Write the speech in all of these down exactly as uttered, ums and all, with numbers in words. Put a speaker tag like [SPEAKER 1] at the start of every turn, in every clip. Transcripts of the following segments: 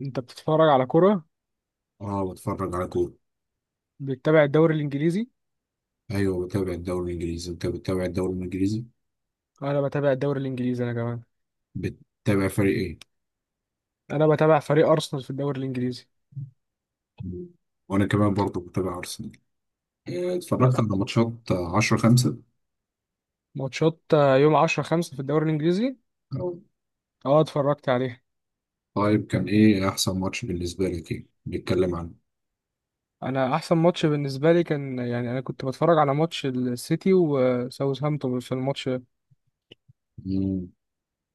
[SPEAKER 1] انت بتتفرج على كرة؟
[SPEAKER 2] اه بتفرج على كورة.
[SPEAKER 1] بتتابع الدوري الانجليزي؟
[SPEAKER 2] ايوه بتابع الدوري الانجليزي. انت بتتابع الدوري الانجليزي؟
[SPEAKER 1] انا بتابع الدوري الانجليزي انا كمان.
[SPEAKER 2] بتتابع فريق ايه؟
[SPEAKER 1] انا بتابع فريق ارسنال في الدوري الانجليزي.
[SPEAKER 2] مم. وانا كمان برضه بتابع ارسنال. آه،
[SPEAKER 1] لا،
[SPEAKER 2] اتفرجت على ماتشات عشرة الخامس.
[SPEAKER 1] ماتشات آه، يوم عشرة خمسة في الدوري الانجليزي. اه، اتفرجت عليه.
[SPEAKER 2] طيب كان ايه احسن ماتش بالنسبة لك؟ ايه نتكلم عنه؟
[SPEAKER 1] انا احسن ماتش بالنسبه لي كان، يعني انا كنت بتفرج على ماتش السيتي وساوثهامبتون في الماتش
[SPEAKER 2] مم.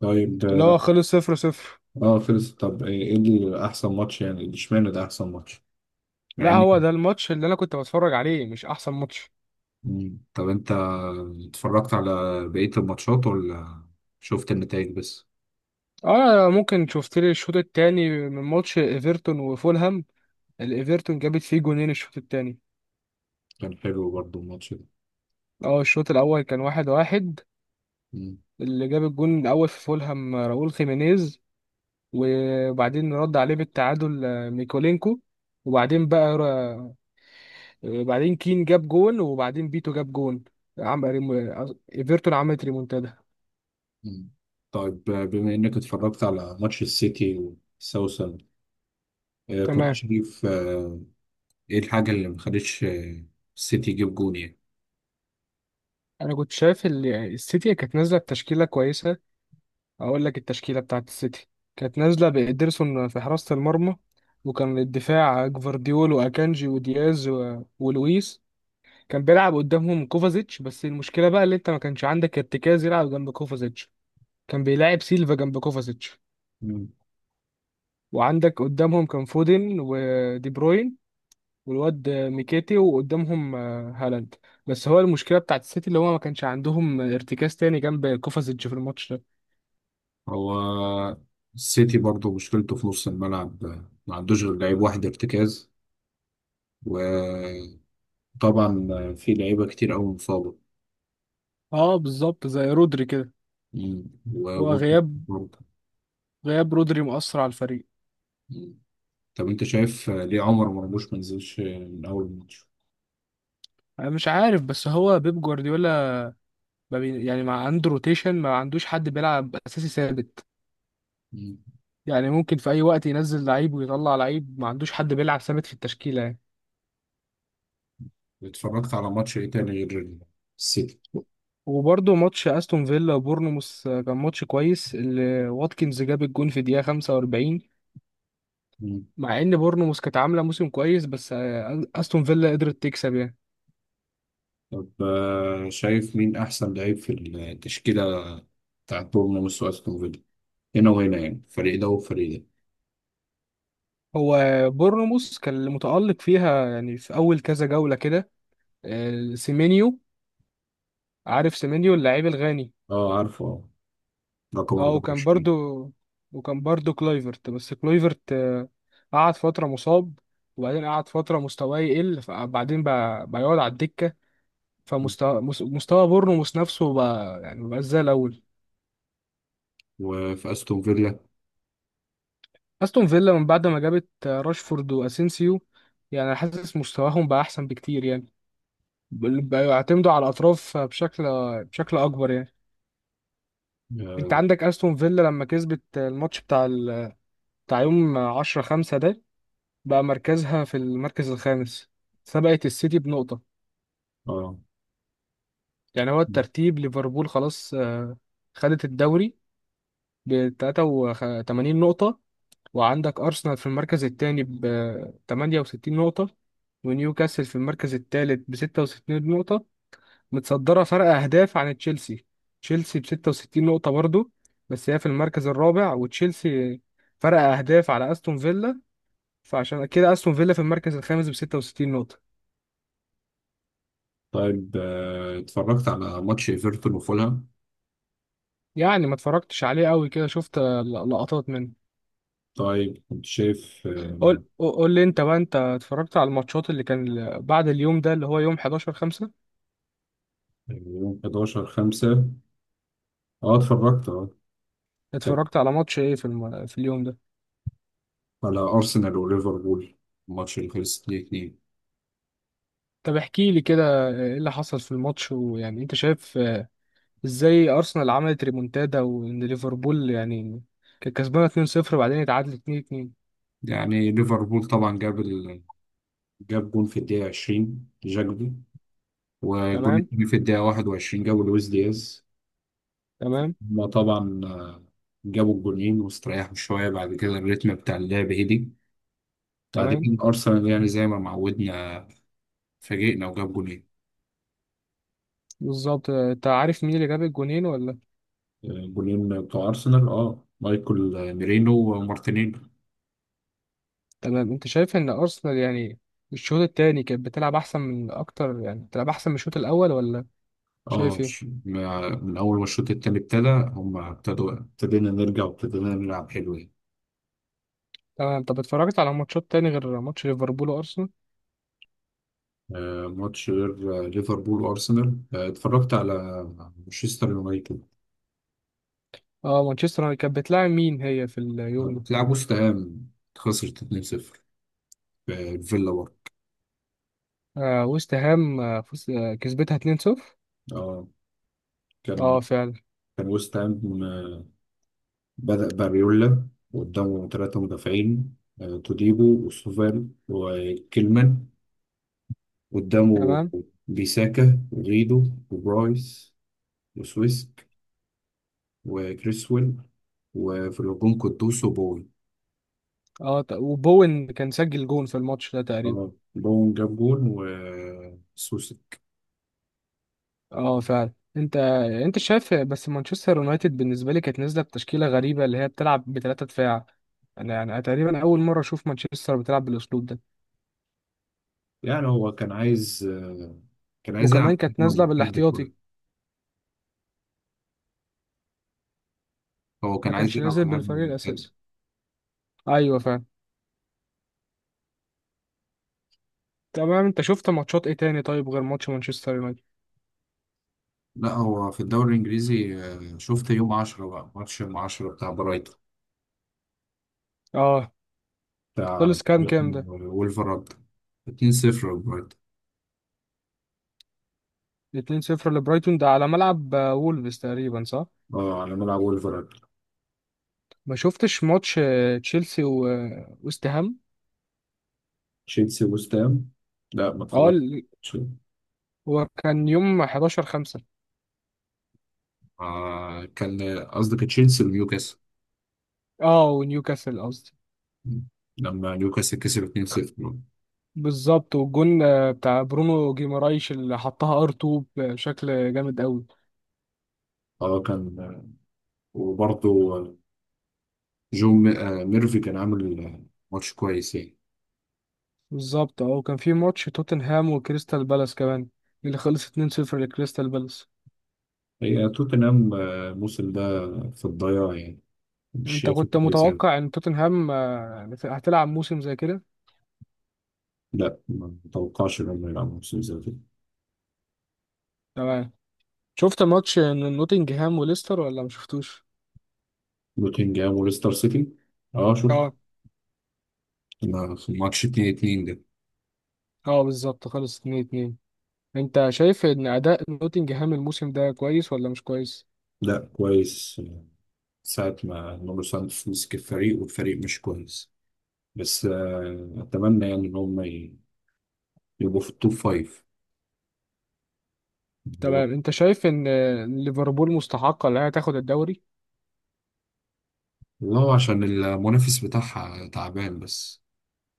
[SPEAKER 2] طيب
[SPEAKER 1] اللي هو
[SPEAKER 2] اه
[SPEAKER 1] خلص صفر صفر.
[SPEAKER 2] آه، خلص. طب ايه إيه اللي احسن ماتش يعني؟ اشمعنى ده احسن ماتش؟ مع
[SPEAKER 1] لا،
[SPEAKER 2] اني
[SPEAKER 1] هو ده الماتش اللي انا كنت بتفرج عليه، مش احسن ماتش.
[SPEAKER 2] مم. طب انت اتفرجت على بقية الماتشات ولا شفت النتائج بس؟
[SPEAKER 1] اه، ممكن شفت لي الشوط التاني من ماتش ايفرتون وفولهام. الايفرتون جابت فيه جونين الشوط التاني.
[SPEAKER 2] كان حلو برضه الماتش ده.
[SPEAKER 1] اه، الشوط الاول كان واحد واحد. اللي جاب الجون الاول في فولهام راؤول خيمينيز. وبعدين رد عليه بالتعادل آه، ميكولينكو. وبعدين بقى را- آه، بعدين كين جاب جون وبعدين بيتو جاب جون. عمل ريمو- آه، ايفرتون عملت ريمونتادا.
[SPEAKER 2] مم. طيب، آه، بما انك اتفرجت على ماتش السيتي وساوثهامبتون، آه، كنت
[SPEAKER 1] تمام.
[SPEAKER 2] شايف آه، ايه الحاجة اللي ما خلتش آه، السيتي يجيب جون يعني؟
[SPEAKER 1] انا كنت شايف ال- السيتي كانت نازله بتشكيله كويسه. اقول لك التشكيله بتاعت السيتي كانت نازله بإيدرسون في حراسه المرمى. وكان الدفاع جفارديول واكانجي ودياز و- ولويس. كان بيلعب قدامهم كوفازيتش، بس المشكله بقى اللي انت ما كانش عندك ارتكاز يلعب جنب كوفازيتش. كان بيلاعب سيلفا جنب كوفازيتش.
[SPEAKER 2] مم.
[SPEAKER 1] وعندك قدامهم كان فودن ودي بروين، والواد ميكيتي، وقدامهم آه، هالاند. بس هو المشكله بتاعت السيتي اللي هو ما كانش عندهم ارتكاز تاني جنب كوفازيتش في الماتش ده.
[SPEAKER 2] هو السيتي برضه مشكلته في نص الملعب، آه، ما عندوش غير لعيب واحد ارتكاز. وطبعا آه، في لعيبة كتير أوي مصابة.
[SPEAKER 1] اه، بالظبط زي رودري كده.
[SPEAKER 2] مم.
[SPEAKER 1] هو
[SPEAKER 2] وجون
[SPEAKER 1] غياب
[SPEAKER 2] برضه.
[SPEAKER 1] غياب رودري مؤثر على الفريق.
[SPEAKER 2] مم. طب انت شايف آه، ليه عمر مرموش ما نزلش آه، من أول الماتش؟
[SPEAKER 1] انا مش عارف، بس هو بيب جوارديولا ما بي- يعني ما عنده روتيشن، ما عندوش حد بيلعب اساسي ثابت.
[SPEAKER 2] مم.
[SPEAKER 1] يعني ممكن في اي وقت ينزل لعيب ويطلع لعيب، ما عندوش حد بيلعب ثابت في التشكيله يعني.
[SPEAKER 2] اتفرجت على ماتش ايه تاني غير السيتي؟
[SPEAKER 1] وبرضه ماتش استون فيلا وبورنموث كان ماتش كويس، اللي واتكنز جاب الجون في دقيقه خمسة واربعين. مع ان بورنموث كانت عامله موسم كويس، بس آه، استون فيلا قدرت تكسب يعني.
[SPEAKER 2] طب آه، شايف مين أحسن لعيب في التشكيلة بتاعت بورنموث وأستون فيلا، هنا وهنا يعني فريق ده وفريق ده؟
[SPEAKER 1] هو بورنموث كان اللي متالق فيها يعني في اول كذا جوله كده. آه، سيمينيو. عارف سيمينيو اللاعب الغاني؟
[SPEAKER 2] اه، عارفه، اه، رقم
[SPEAKER 1] اه وكان برضو
[SPEAKER 2] أربعة وعشرين.
[SPEAKER 1] وكان برضو كلويفرت، بس كلويفرت آه، قعد فترة مصاب. وبعدين قعد فترة مستواه يقل فبعدين بقى بقى يقعد على الدكة. فمستوى مس- مستوى بورنموث نفسه بقى يعني مبقاش زي الأول.
[SPEAKER 2] وفي أستون فيلا.
[SPEAKER 1] أستون فيلا من بعد ما جابت آه، راشفورد وأسينسيو، يعني حاسس مستواهم بقى أحسن بكتير يعني. بل- بقى يعتمدوا على الأطراف بشكل بشكل أكبر يعني. أنت
[SPEAKER 2] اه
[SPEAKER 1] عندك أستون فيلا لما كسبت الماتش بتاع ال... بتاع يوم عشرة خمسة ده، بقى مركزها في المركز الخامس، سبقت السيتي بنقطة.
[SPEAKER 2] آه.
[SPEAKER 1] يعني هو الترتيب ليفربول خلاص آه، خدت الدوري ب تلاتة وتمانين نقطة، وعندك أرسنال في المركز الثاني ب تمانية وستين نقطة، ونيوكاسل في المركز الثالث ب ستة وستين نقطة متصدرة فرق أهداف عن تشيلسي. تشيلسي ب ستة وستين نقطة برضو، بس هي في المركز الرابع، وتشيلسي فرق أهداف على أستون فيلا، فعشان كده أستون فيلا في المركز الخامس ب ستة وستين نقطة.
[SPEAKER 2] طيب، آه، اتفرجت على ماتش ايفرتون وفولهام؟
[SPEAKER 1] يعني ما اتفرجتش عليه قوي كده، شفت آه، ل- لقطات منه.
[SPEAKER 2] طيب كنت شايف، آه،
[SPEAKER 1] قول قول لي انت بقى، انت اتفرجت على الماتشات اللي كان ال- بعد اليوم ده اللي هو يوم احداشر خمسة.
[SPEAKER 2] يوم حداشر الخامس. اه اتفرجت، اه. كان
[SPEAKER 1] اتفرجت على ماتش ايه في الم... في اليوم ده؟
[SPEAKER 2] على ارسنال وليفربول، الماتش اللي خلص اتنين اتنين.
[SPEAKER 1] طب احكي لي كده. آه، ايه اللي حصل في الماتش، ويعني انت شايف آه، ازاي ارسنال عملت ريمونتادا، وان ليفربول يعني كانت كسبانه اثنين صفر وبعدين اتعادلت اتنين اتنين.
[SPEAKER 2] يعني ليفربول طبعا جاب جاب جون في الدقيقة عشرين جاكبو، والجون
[SPEAKER 1] تمام،
[SPEAKER 2] التاني في الدقيقة واحد وعشرين جابوا لويس دياز.
[SPEAKER 1] تمام،
[SPEAKER 2] هما طبعا آه، جابوا الجونين واستريحوا شوية. بعد كده الريتم بتاع اللعب هدي. بعد
[SPEAKER 1] تمام.
[SPEAKER 2] كده أرسنال يعني زي ما معودنا، فاجئنا وجاب جونين.
[SPEAKER 1] بالظبط، آه، انت عارف مين اللي جاب الجونين ولا؟
[SPEAKER 2] آه، جونين بتوع أرسنال، اه، مايكل آه، ميرينو ومارتينيلي.
[SPEAKER 1] تمام. انت شايف ان ارسنال يعني الشوط التاني كانت بتلعب احسن من اكتر، يعني بتلعب احسن من الشوط الاول ولا؟
[SPEAKER 2] اه،
[SPEAKER 1] شايف
[SPEAKER 2] مش-
[SPEAKER 1] ايه؟
[SPEAKER 2] ما- من أول ما الشوط التاني ابتدى، هما ابتدوا ابتدينا نرجع وابتدينا نلعب حلو يعني.
[SPEAKER 1] تمام. طب اتفرجت على ماتشات تاني غير ماتش ليفربول وارسنال؟
[SPEAKER 2] آه، ماتش غير آه، ليفربول وأرسنال، آه، اتفرجت على مانشستر يونايتد.
[SPEAKER 1] اه، مانشستر يونايتد كانت بتلاعب مين هي في اليوم
[SPEAKER 2] طب
[SPEAKER 1] ده؟
[SPEAKER 2] بتلعب وست هام، خسرت اتنين صفر في فيلا برضه.
[SPEAKER 1] آه ويست هام، آه فوز- آه، كسبتها اتنين صفر.
[SPEAKER 2] اه، كان
[SPEAKER 1] اه، فعلا.
[SPEAKER 2] كان وست هام آه، بدأ باريولا قدامه ثلاثة مدافعين: آه، توديبو وسوفال وكيلمان. قدامه
[SPEAKER 1] تمام.
[SPEAKER 2] بيساكا وغيدو وبرايس وسويسك وكريسويل، وفي الهجوم قدوس وبون.
[SPEAKER 1] اه، ت- وبوين كان سجل جون في الماتش ده تقريبا.
[SPEAKER 2] اه، بون جاب جون وسوسي.
[SPEAKER 1] اه، فعلا. انت انت شايف، بس مانشستر يونايتد بالنسبه لي كانت نازله بتشكيله غريبه اللي هي بتلعب بثلاثه دفاع. انا يعني تقريبا اول مره اشوف مانشستر بتلعب بالاسلوب ده.
[SPEAKER 2] يعني هو كان عايز، آه، كان عايز
[SPEAKER 1] وكمان
[SPEAKER 2] يلعب
[SPEAKER 1] كانت
[SPEAKER 2] هجمة
[SPEAKER 1] نازله
[SPEAKER 2] ممتدة.
[SPEAKER 1] بالاحتياطي.
[SPEAKER 2] هو
[SPEAKER 1] ما
[SPEAKER 2] كان عايز
[SPEAKER 1] كانش
[SPEAKER 2] يلعب
[SPEAKER 1] نازل
[SPEAKER 2] على هجمة
[SPEAKER 1] بالفريق
[SPEAKER 2] مرتدة.
[SPEAKER 1] الاساسي. ايوه، فعلا. تمام. انت شفت ماتشات ايه تاني طيب غير ماتش مانشستر يونايتد؟
[SPEAKER 2] لا هو في الدوري الإنجليزي، آه، شفت يوم عشرة، بقى ماتش يوم عشرة بتاع برايتون
[SPEAKER 1] اه،
[SPEAKER 2] بتاع
[SPEAKER 1] خلص كام كام ده؟
[SPEAKER 2] ولفرهامبتون، اتنين صفر برايتون.
[SPEAKER 1] اتنين صفر لبرايتون، ده على ملعب آه، وولفز تقريبا، صح؟
[SPEAKER 2] اه، على ملعب ولفرهامبتون.
[SPEAKER 1] ما شفتش ماتش آه، تشيلسي و- آه، وست هام.
[SPEAKER 2] تشيلسي وستام؟ لا ما
[SPEAKER 1] اه ال-
[SPEAKER 2] اتفرجتش.
[SPEAKER 1] هو كان يوم احداشر خمسة.
[SPEAKER 2] آه، كان قصدك تشيلسي ونيوكاسل،
[SPEAKER 1] اه، ونيوكاسل قصدي.
[SPEAKER 2] لما نيوكاسل كسب اتنين صفر.
[SPEAKER 1] بالظبط، والجون آه، بتاع برونو جيمارايش اللي حطها ار اتنين بشكل جامد قوي.
[SPEAKER 2] اه كان آه، وبرضه آه، جو م- آه، ميرفي كان عامل آه، ماتش كويس يعني.
[SPEAKER 1] بالظبط. اه، وكان في ماتش توتنهام وكريستال بالاس كمان اللي خلص اتنين صفر لكريستال بالاس.
[SPEAKER 2] هي توتنهام آه، الموسم ده في الضياع يعني. مش
[SPEAKER 1] انت
[SPEAKER 2] شايفه
[SPEAKER 1] كنت
[SPEAKER 2] كويس يعني.
[SPEAKER 1] متوقع ان توتنهام آه، هتلعب موسم زي كده؟
[SPEAKER 2] لا ما اتوقعش ان هم يلعبوا موسم زي ده.
[SPEAKER 1] تمام. شفت ماتش نوتنجهام وليستر ولا ما شفتوش؟
[SPEAKER 2] نوتنجهام وليستر سيتي، اه شفت.
[SPEAKER 1] اه.
[SPEAKER 2] ما- ماتش اتنين اتنين ده.
[SPEAKER 1] اه، بالظبط، خلص اتنين اتنين. انت شايف ان اداء نوتنجهام الموسم ده كويس ولا مش كويس؟
[SPEAKER 2] لا، كويس. ساعة ما نونو سانتوس مسك الفريق، والفريق مش كويس. بس آه، أتمنى يعني إن هم ي- يبقوا في التوب فايف. هو-
[SPEAKER 1] تمام. انت شايف ان آه، ليفربول مستحقة انها تاخد الدوري؟
[SPEAKER 2] والله عشان المنافس بتاعها تعبان بس.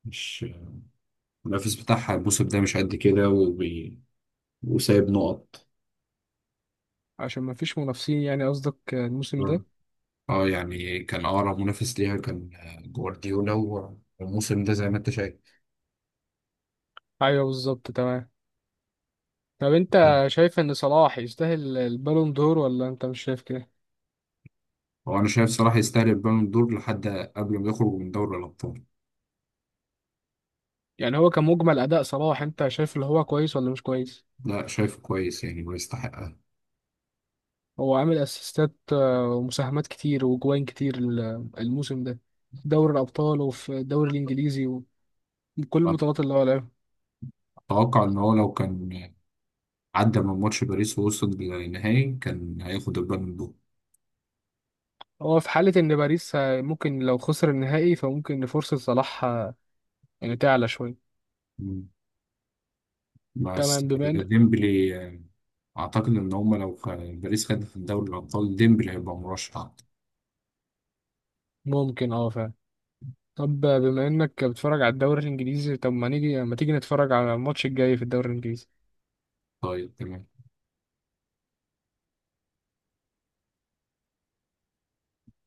[SPEAKER 2] مش آه، المنافس بتاعها الموسم ده مش قد كده، وبي... وسايب نقط.
[SPEAKER 1] عشان ما فيش منافسين، يعني قصدك آه، الموسم ده؟
[SPEAKER 2] اه يعني كان اقرب منافس ليها كان آه، جوارديولا و- والموسم ده زي ما انت شايف.
[SPEAKER 1] ايوه، بالظبط، تمام. طب انت شايف ان صلاح يستاهل البالون دور، ولا انت مش شايف كده؟
[SPEAKER 2] هو انا شايف صلاح يستاهل البالون دور لحد قبل ما يخرج من دوري الابطال.
[SPEAKER 1] يعني هو كمجمل اداء صلاح، انت شايف اللي هو كويس ولا مش كويس؟
[SPEAKER 2] لا شايفه كويس يعني ويستحقها.
[SPEAKER 1] هو عامل اسيستات آه، ومساهمات كتير وجوان كتير ال- الموسم ده في دوري الابطال وفي الدوري الانجليزي وكل البطولات اللي هو لعبها.
[SPEAKER 2] اتوقع ان هو لو كان عدى من ماتش باريس ووصل للنهائي كان هياخد البالون دور.
[SPEAKER 1] هو في حالة ان باريس آه، ممكن لو خسر النهائي فممكن فرصة صلاح آه، يعني تعلى شوية.
[SPEAKER 2] مم. بس
[SPEAKER 1] تمام بما ان.
[SPEAKER 2] ديمبلي آه، اعتقد ان هما لو خ- باريس خدت دوري الابطال ديمبلي هيبقى مرشح.
[SPEAKER 1] ممكن. اه، فعلا. طب بما انك بتتفرج على الدوري الانجليزي، طب ما نيجي ما تيجي نتفرج على الماتش الجاي في الدوري الانجليزي.
[SPEAKER 2] طيب تمام.